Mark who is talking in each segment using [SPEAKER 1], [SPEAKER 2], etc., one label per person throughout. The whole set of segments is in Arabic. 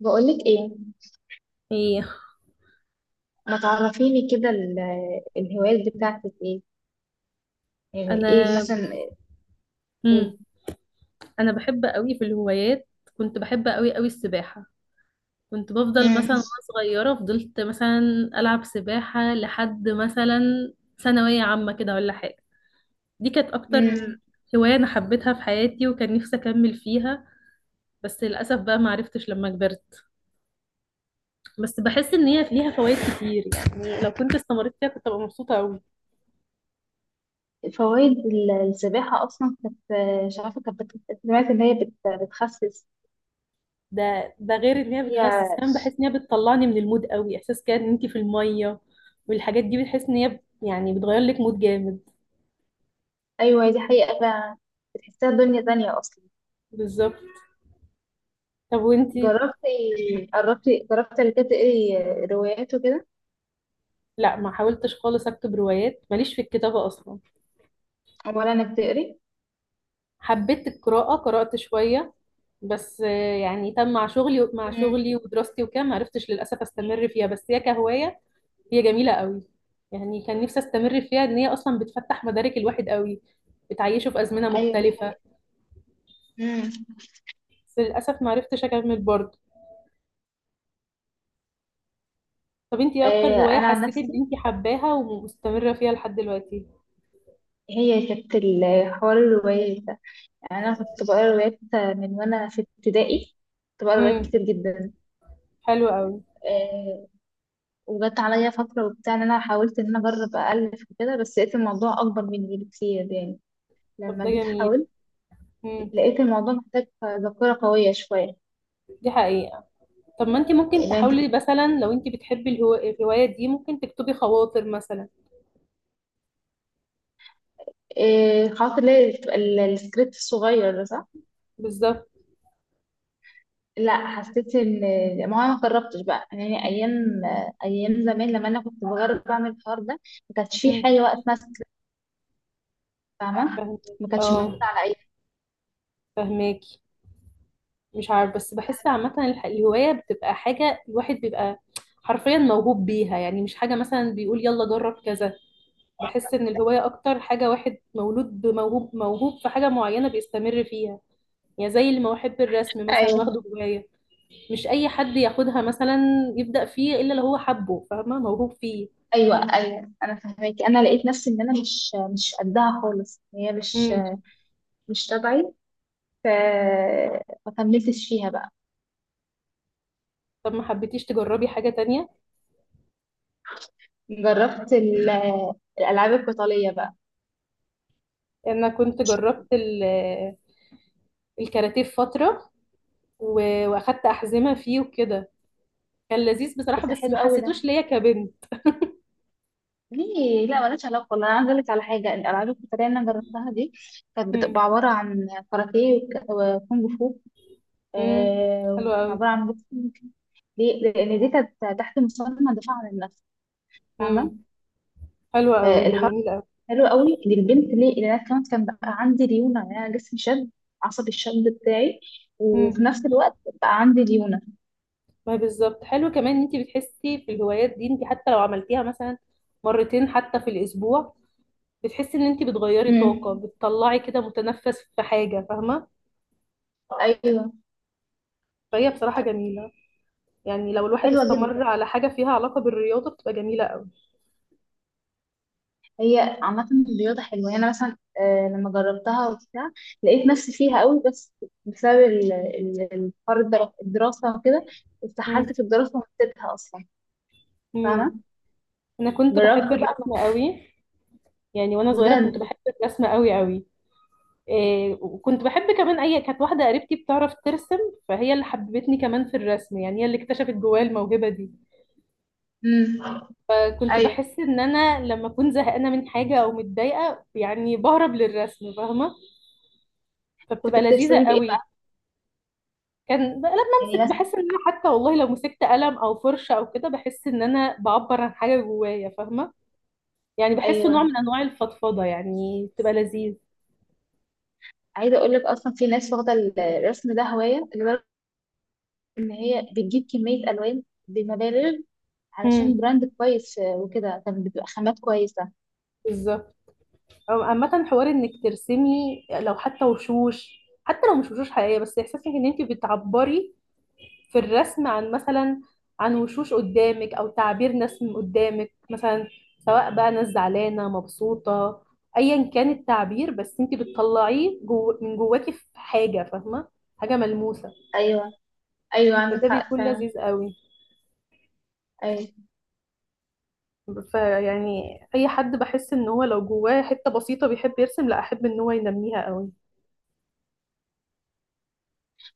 [SPEAKER 1] بقولك ايه.
[SPEAKER 2] ايه.
[SPEAKER 1] ما تعرفيني كده الهوايات بتاعتك ايه؟ يعني ايه
[SPEAKER 2] انا
[SPEAKER 1] مثلا؟ امم.
[SPEAKER 2] امم انا بحب قوي في الهوايات. كنت بحب قوي السباحة. كنت بفضل مثلا وانا صغيرة، فضلت مثلا العب سباحة لحد مثلا ثانوية عامة كده ولا حاجة. دي كانت اكتر
[SPEAKER 1] امم.
[SPEAKER 2] هواية انا حبيتها في حياتي، وكان نفسي اكمل فيها، بس للاسف بقى ما عرفتش لما كبرت. بس بحس ان هي ليها فوائد كتير، يعني لو كنت استمريت فيها كنت ابقى مبسوطة قوي.
[SPEAKER 1] فوائد السباحة اصلا كانت، مش عارفة، كانت سمعت ان هي بتخسس.
[SPEAKER 2] ده غير ان هي بتخسس،
[SPEAKER 1] هي،
[SPEAKER 2] كمان بحس ان هي بتطلعني من المود قوي، احساس كده ان انت في الميه والحاجات دي، بتحس ان هي يعني بتغير لك مود جامد.
[SPEAKER 1] ايوه دي حقيقة فعلا. بتحسها دنيا تانية اصلا.
[SPEAKER 2] بالظبط. طب وانتي؟
[SPEAKER 1] جربتي، جربتي قبل كده تقري روايات وكده؟
[SPEAKER 2] لا، ما حاولتش خالص اكتب روايات، ماليش في الكتابة اصلا.
[SPEAKER 1] ولا انك تقري؟
[SPEAKER 2] حبيت القراءة، قرأت شوية، بس آه، يعني تم مع شغلي، مع
[SPEAKER 1] امم.
[SPEAKER 2] شغلي ودراستي وكده ما عرفتش للاسف استمر فيها، بس هي كهواية هي جميلة قوي. يعني كان نفسي استمر فيها، ان هي اصلا بتفتح مدارك الواحد قوي، بتعيشه في ازمنة
[SPEAKER 1] ايوه دي
[SPEAKER 2] مختلفة.
[SPEAKER 1] حقيقة. امم.
[SPEAKER 2] بس للاسف ما عرفتش اكمل برضه. طب انتي ايه اكتر هواية
[SPEAKER 1] انا عن
[SPEAKER 2] حسيتي ان
[SPEAKER 1] نفسي،
[SPEAKER 2] انتي حباها ومستمرة فيها لحد دلوقتي؟
[SPEAKER 1] هي كانت حوار الروايات ده. يعني أنا كنت بقرا روايات من وأنا في ابتدائي. كنت بقرا روايات
[SPEAKER 2] امم
[SPEAKER 1] كتير جدا.
[SPEAKER 2] حلو قوي.
[SPEAKER 1] آه. وجت عليا فترة وبتاع، إن أنا حاولت إن أنا أجرب أألف وكده، بس لقيت الموضوع أكبر مني بكتير يعني.
[SPEAKER 2] طب
[SPEAKER 1] لما
[SPEAKER 2] ده
[SPEAKER 1] جيت
[SPEAKER 2] جميل.
[SPEAKER 1] حاولت
[SPEAKER 2] امم
[SPEAKER 1] لقيت الموضوع محتاج ذاكرة قوية شوية.
[SPEAKER 2] دي حقيقة. طب ما انتي ممكن
[SPEAKER 1] لأن أنت،
[SPEAKER 2] تحاولي مثلا، لو انتي بتحبي الهواية دي ممكن تكتبي خواطر مثلا.
[SPEAKER 1] خاطر ليه بتبقى السكريبت الصغير ده، صح؟
[SPEAKER 2] بالظبط.
[SPEAKER 1] لا، حسيت ان، ما هو انا ما جربتش بقى، يعني ايام، ايام زمان لما انا كنت بجرب اعمل الحوار ده ما كانش في
[SPEAKER 2] امم
[SPEAKER 1] حاجه وقت ماسك. فاهمه،
[SPEAKER 2] فهماكي.
[SPEAKER 1] ما كانتش
[SPEAKER 2] اه،
[SPEAKER 1] موجوده على اي.
[SPEAKER 2] فهماكي. مش عارف، بس بحس عامة الهواية بتبقى حاجة الواحد بيبقى حرفيا موهوب بيها، يعني مش حاجة مثلا بيقول يلا جرب كذا. بحس ان الهواية اكتر حاجة واحد مولود بموهوب، موهوب في حاجة معينة بيستمر فيها. يعني زي اللي ما بحب الرسم مثلا
[SPEAKER 1] ايوه،
[SPEAKER 2] واخده جوايا، مش اي حد ياخدها مثلا يبدأ فيه الا لو هو حبه، فاهمه، موهوب فيه.
[SPEAKER 1] ايوه، ايوه، انا فهماكي. انا لقيت نفسي ان انا مش قدها خالص، هي مش،
[SPEAKER 2] امم
[SPEAKER 1] مش تبعي. ف ما كملتش فيها بقى.
[SPEAKER 2] طب ما حبيتيش تجربي حاجه تانية؟
[SPEAKER 1] جربت الالعاب القتاليه بقى.
[SPEAKER 2] انا كنت جربت الكاراتيه في فتره، واخدت احزمه فيه وكده. كان لذيذ بصراحه،
[SPEAKER 1] بس
[SPEAKER 2] بس ما
[SPEAKER 1] حلو قوي ده.
[SPEAKER 2] حسيتوش ليا كبنت.
[SPEAKER 1] ليه لا، مالهاش علاقه، والله انا عايزه اقول لك على حاجه، الالعاب القتاليه اللي انا جربتها دي كانت
[SPEAKER 2] امم
[SPEAKER 1] بتبقى عباره عن كاراتيه وكونج فو.
[SPEAKER 2] امم
[SPEAKER 1] آه،
[SPEAKER 2] حلو
[SPEAKER 1] وكانت
[SPEAKER 2] قوي.
[SPEAKER 1] عباره عن بوكسينج. ليه؟ لان دي كانت تحت مسمى دفاع عن النفس.
[SPEAKER 2] امم
[SPEAKER 1] فاهمه؟
[SPEAKER 2] حلو قوي، ده
[SPEAKER 1] فالحوار
[SPEAKER 2] جميل قوي.
[SPEAKER 1] حلو قوي للبنت. ليه؟ لان انا كمان كان بقى عندي ليونه، يعني انا جسمي شد عصبي، الشد بتاعي. وفي
[SPEAKER 2] امم
[SPEAKER 1] نفس الوقت بقى عندي ليونه.
[SPEAKER 2] ما بالظبط، حلو كمان ان انت بتحسي في الهوايات دي، انت حتى لو عملتيها مثلا مرتين حتى في الاسبوع، بتحسي ان انت بتغيري طاقة،
[SPEAKER 1] امم.
[SPEAKER 2] بتطلعي كده متنفس في حاجة، فاهمة.
[SPEAKER 1] ايوه
[SPEAKER 2] فهي بصراحة جميلة، يعني لو الواحد
[SPEAKER 1] حلوه جدا.
[SPEAKER 2] استمر على حاجة فيها علاقة بالرياضة بتبقى جميلة قوي.
[SPEAKER 1] هي عامه الرياضه حلوه، يعني انا مثلا، لما جربتها وبتاع لقيت نفسي فيها قوي. بس بسبب الحوار الدراسه وكده اتسحلت
[SPEAKER 2] امم
[SPEAKER 1] في الدراسه ونسيتها اصلا.
[SPEAKER 2] امم
[SPEAKER 1] فاهمه؟
[SPEAKER 2] انا كنت بحب
[SPEAKER 1] جربت بقى.
[SPEAKER 2] الرسم قوي. يعني وانا صغيرة كنت
[SPEAKER 1] بجد.
[SPEAKER 2] بحب الرسم قوي. إيه، وكنت بحب كمان، اي كانت واحدة قريبتي بتعرف ترسم، فهي اللي حببتني كمان في الرسم، يعني هي اللي اكتشفت جوايا الموهبة دي.
[SPEAKER 1] امم.
[SPEAKER 2] فكنت
[SPEAKER 1] ايوه،
[SPEAKER 2] بحس ان انا لما اكون زهقانة من حاجة او متضايقة يعني بهرب للرسم، فاهمة.
[SPEAKER 1] كنت
[SPEAKER 2] فبتبقى لذيذة
[SPEAKER 1] بترسمي بايه
[SPEAKER 2] قوي.
[SPEAKER 1] بقى؟
[SPEAKER 2] كان بقى لما
[SPEAKER 1] يعني
[SPEAKER 2] امسك،
[SPEAKER 1] بس،
[SPEAKER 2] بحس ان انا حتى والله لو مسكت قلم او فرشه او كده بحس ان انا بعبر عن حاجه جوايا، فاهمه. يعني بحسه نوع
[SPEAKER 1] ايوه،
[SPEAKER 2] من انواع الفضفضه، يعني بتبقى لذيذ.
[SPEAKER 1] عايزه اقول لك اصلا في ناس واخده الرسم ده هوايه لدرجه ان هي بتجيب كميه الوان بمبالغ، علشان
[SPEAKER 2] امم
[SPEAKER 1] براند كويس وكده، كانت بتبقى خامات كويسه.
[SPEAKER 2] بالظبط. عامه، حوار انك ترسمي، لو حتى وشوش، حتى لو مش وشوش حقيقيه، بس احساسك ان انت بتعبري في الرسم عن مثلا، عن وشوش قدامك او تعبير ناس من قدامك مثلا، سواء بقى ناس زعلانه مبسوطه، ايا كان التعبير، بس انت بتطلعيه جو من جواكي في حاجه، فاهمه، حاجه ملموسه.
[SPEAKER 1] ايوه، ايوه، عندك
[SPEAKER 2] فده
[SPEAKER 1] حق
[SPEAKER 2] بيكون
[SPEAKER 1] فعلا.
[SPEAKER 2] لذيذ قوي.
[SPEAKER 1] ايوه،
[SPEAKER 2] فيعني اي حد بحس ان هو لو جواه حته بسيطه بيحب يرسم، لا، احب ان هو ينميها قوي.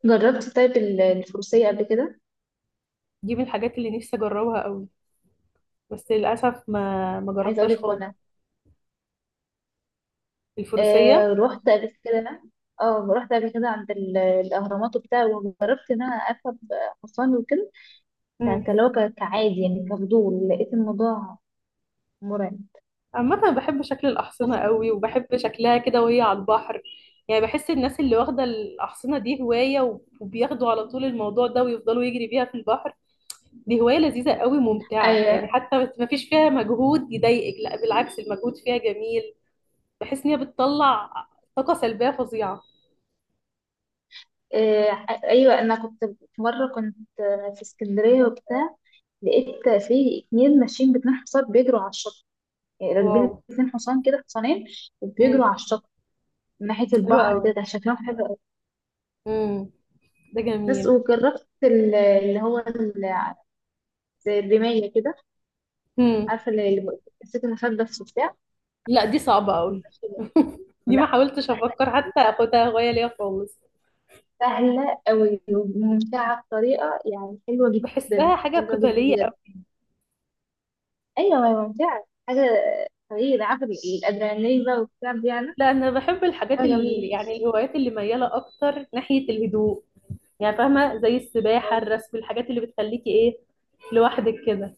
[SPEAKER 1] جربت طيب الفروسيه قبل كده؟
[SPEAKER 2] دي من الحاجات اللي نفسي اجربها قوي، بس للاسف ما
[SPEAKER 1] عايزه اقول
[SPEAKER 2] جربتهاش
[SPEAKER 1] لك،
[SPEAKER 2] خالص.
[SPEAKER 1] وانا،
[SPEAKER 2] الفروسيه.
[SPEAKER 1] آه رحت قبل كده اه رحت قبل كده عند الاهرامات وبتاع، وجربت ان انا اركب حصان وكده. كلو، كعادي، يعني كفضول، لقيت الموضوع مرعب.
[SPEAKER 2] عامة أنا بحب شكل الأحصنة قوي، وبحب شكلها كده وهي على البحر. يعني بحس الناس اللي واخدة الأحصنة دي هواية وبياخدوا على طول الموضوع ده ويفضلوا يجري بيها في البحر، دي هواية لذيذة قوي، ممتعة، يعني
[SPEAKER 1] ايوه.
[SPEAKER 2] حتى ما فيش فيها مجهود يضايقك، لا بالعكس المجهود فيها جميل. بحس إن هي بتطلع طاقة سلبية فظيعة.
[SPEAKER 1] آه، ايوه، انا كنت في مره، كنت، آه، في اسكندريه وبتاع، لقيت في اتنين ماشيين باتنين حصان بيجروا على الشط، يعني
[SPEAKER 2] واو.
[SPEAKER 1] راكبين اتنين حصان كده، حصانين،
[SPEAKER 2] امم
[SPEAKER 1] وبيجروا على الشط من ناحيه
[SPEAKER 2] حلوة
[SPEAKER 1] البحر
[SPEAKER 2] قوي.
[SPEAKER 1] كده، كان شكلهم حلو قوي.
[SPEAKER 2] امم ده
[SPEAKER 1] بس
[SPEAKER 2] جميل.
[SPEAKER 1] وجربت اللي هو زي الرمايه كده.
[SPEAKER 2] امم
[SPEAKER 1] عارفه اللي مسكت المسدس وبتاع.
[SPEAKER 2] لا دي صعبة قوي. دي ما
[SPEAKER 1] لا،
[SPEAKER 2] حاولتش
[SPEAKER 1] سهله،
[SPEAKER 2] أفكر حتى أخدها هواية ليا خالص.
[SPEAKER 1] سهله قوي وممتعه بطريقه، يعني حلوه جدا،
[SPEAKER 2] بحسها حاجة
[SPEAKER 1] حلوه جدا
[SPEAKER 2] قتالية.
[SPEAKER 1] بجد. ايوه ما هي ممتعة حاجة، طريقة، عارفة الأدرينالين بقى والكلام دي يعني.
[SPEAKER 2] لا، انا بحب الحاجات
[SPEAKER 1] حاجة
[SPEAKER 2] اللي
[SPEAKER 1] جميلة.
[SPEAKER 2] يعني الهوايات اللي مياله اكتر ناحيه الهدوء. يعني فاهمه، زي السباحه،
[SPEAKER 1] اه
[SPEAKER 2] الرسم، الحاجات اللي بتخليكي ايه، لوحدك كده.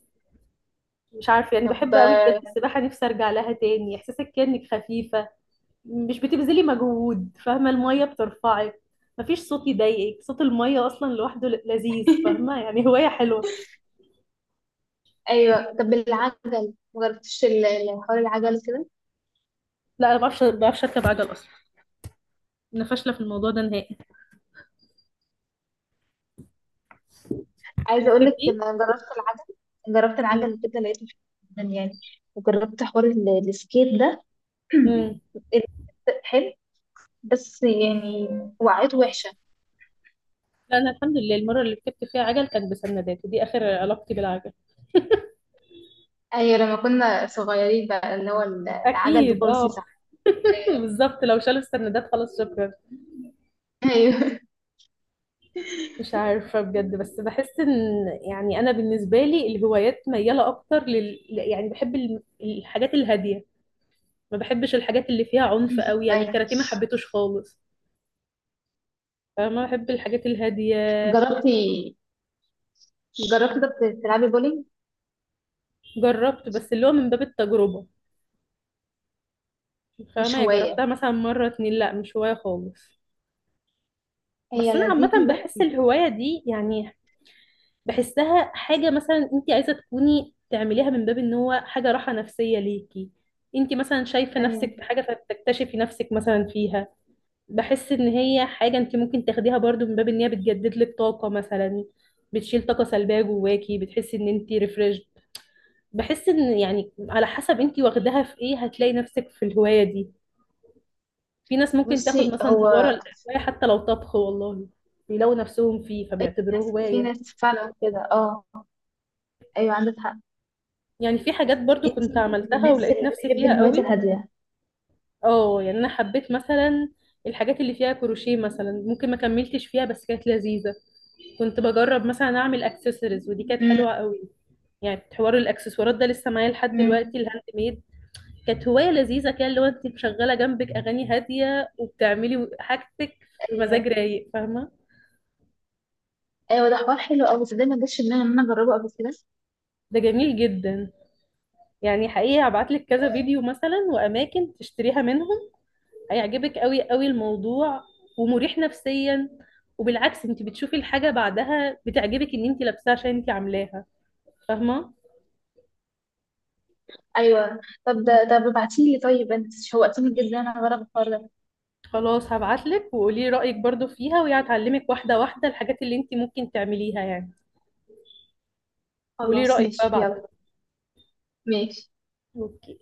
[SPEAKER 2] مش عارفه يعني،
[SPEAKER 1] طب،
[SPEAKER 2] بحب قوي بجد السباحه، نفسي ارجع لها تاني، احساسك كانك خفيفه، مش بتبذلي مجهود، فاهمه، الميه بترفعك، مفيش صوت يضايقك، صوت الميه اصلا لوحده لذيذ، فاهمه، يعني هوايه حلوه.
[SPEAKER 1] ايوه، العجل مجربتش حوار العجل كده؟
[SPEAKER 2] لا انا ما بعرفش، ما بعرفش اركب عجل اصلا، انا فاشله في الموضوع ده نهائي.
[SPEAKER 1] عايزة اقول لك
[SPEAKER 2] بتحبيه؟
[SPEAKER 1] ان انا جربت العجل. جربت العجل كده لقيته حلو جدا يعني. وجربت حوار السكيت ده.
[SPEAKER 2] امم
[SPEAKER 1] حلو. بس يعني، وقعته وحشة.
[SPEAKER 2] لا، انا الحمد لله المره اللي ركبت فيها عجل كانت بسندات، ودي اخر علاقتي بالعجل.
[SPEAKER 1] ايوه، لما كنا صغيرين بقى اللي هو العجل
[SPEAKER 2] اكيد
[SPEAKER 1] بكرسي،
[SPEAKER 2] اه.
[SPEAKER 1] صح؟
[SPEAKER 2] بالظبط، لو شالوا السندات خلاص شكرا.
[SPEAKER 1] ايوه.
[SPEAKER 2] مش عارفه بجد، بس بحس ان يعني انا بالنسبه لي الهوايات مياله اكتر لل، يعني بحب الحاجات الهاديه، ما بحبش الحاجات اللي فيها عنف قوي، يعني
[SPEAKER 1] ايوه،
[SPEAKER 2] الكاراتيه ما حبيتوش خالص. فما بحب الحاجات الهاديه.
[SPEAKER 1] جربتي جربتي طب تلعبي بولينج؟
[SPEAKER 2] جربت بس اللي هو من باب التجربه، فاهمه،
[SPEAKER 1] مش
[SPEAKER 2] يعني جربتها
[SPEAKER 1] هواية،
[SPEAKER 2] مثلا مره اتنين، لا مش هوايه خالص. بس انا
[SPEAKER 1] هي
[SPEAKER 2] عامه
[SPEAKER 1] لذيذة.
[SPEAKER 2] بحس الهوايه دي يعني، بحسها حاجة مثلا انت عايزة تكوني تعمليها من باب ان هو حاجة راحة نفسية ليكي، انت مثلا شايفة
[SPEAKER 1] ايوه
[SPEAKER 2] نفسك في حاجة فبتكتشفي نفسك مثلا فيها. بحس ان هي حاجة انت ممكن تاخديها برضو من باب ان هي بتجدد لك طاقة مثلا، بتشيل طاقة سلبية جواكي، بتحسي ان انت ريفريش. بحس ان يعني على حسب انت واخداها في ايه هتلاقي نفسك في الهواية دي. في ناس ممكن تاخد
[SPEAKER 1] بصي،
[SPEAKER 2] مثلا
[SPEAKER 1] هو،
[SPEAKER 2] هواية حتى لو طبخ والله، بيلاقوا نفسهم فيه
[SPEAKER 1] أي،
[SPEAKER 2] فبيعتبروه
[SPEAKER 1] في
[SPEAKER 2] هواية.
[SPEAKER 1] ناس فعلا كده، اه. ايوه عندك حق.
[SPEAKER 2] يعني في حاجات برضو
[SPEAKER 1] انتي
[SPEAKER 2] كنت
[SPEAKER 1] من
[SPEAKER 2] عملتها
[SPEAKER 1] الناس
[SPEAKER 2] ولقيت
[SPEAKER 1] اللي
[SPEAKER 2] نفسي
[SPEAKER 1] بتحب
[SPEAKER 2] فيها
[SPEAKER 1] الهوايات
[SPEAKER 2] قوي.
[SPEAKER 1] الهادية.
[SPEAKER 2] اه، يعني انا حبيت مثلا الحاجات اللي فيها كروشيه مثلا، ممكن ما كملتش فيها بس كانت لذيذة. كنت بجرب مثلا اعمل اكسسوارز، ودي كانت
[SPEAKER 1] أمم.
[SPEAKER 2] حلوة قوي. يعني حوار الاكسسوارات ده لسه معايا لحد دلوقتي،
[SPEAKER 1] امم.
[SPEAKER 2] الهاند ميد، كانت هواية لذيذة كده، اللي هو انت مشغلة جنبك اغاني هادية وبتعملي حاجتك في مزاج
[SPEAKER 1] آه،
[SPEAKER 2] رايق، فاهمة.
[SPEAKER 1] ايوه، ده حوار حلو قوي، بس ده ما جاش في دماغي ان انا اجربه قبل كده.
[SPEAKER 2] ده جميل جدا. يعني حقيقي هبعتلك كذا فيديو مثلا واماكن تشتريها منهم، هيعجبك قوي قوي الموضوع، ومريح نفسيا. وبالعكس انت بتشوفي الحاجة بعدها بتعجبك ان انت لابساها عشان انت عاملاها، فاهمة.
[SPEAKER 1] ايوه، طب ده، طب ابعتيلي، طيب انت شوقتيني جدا انا اجرب الحوار ده.
[SPEAKER 2] خلاص هبعتلك، وقولي رأيك برضو فيها، وهي هتعلمك واحدة واحدة الحاجات اللي انت ممكن تعمليها يعني. قولي
[SPEAKER 1] خلاص
[SPEAKER 2] رأيك بقى
[SPEAKER 1] ماشي،
[SPEAKER 2] بعدها.
[SPEAKER 1] يلا. ماشي.
[SPEAKER 2] اوكي.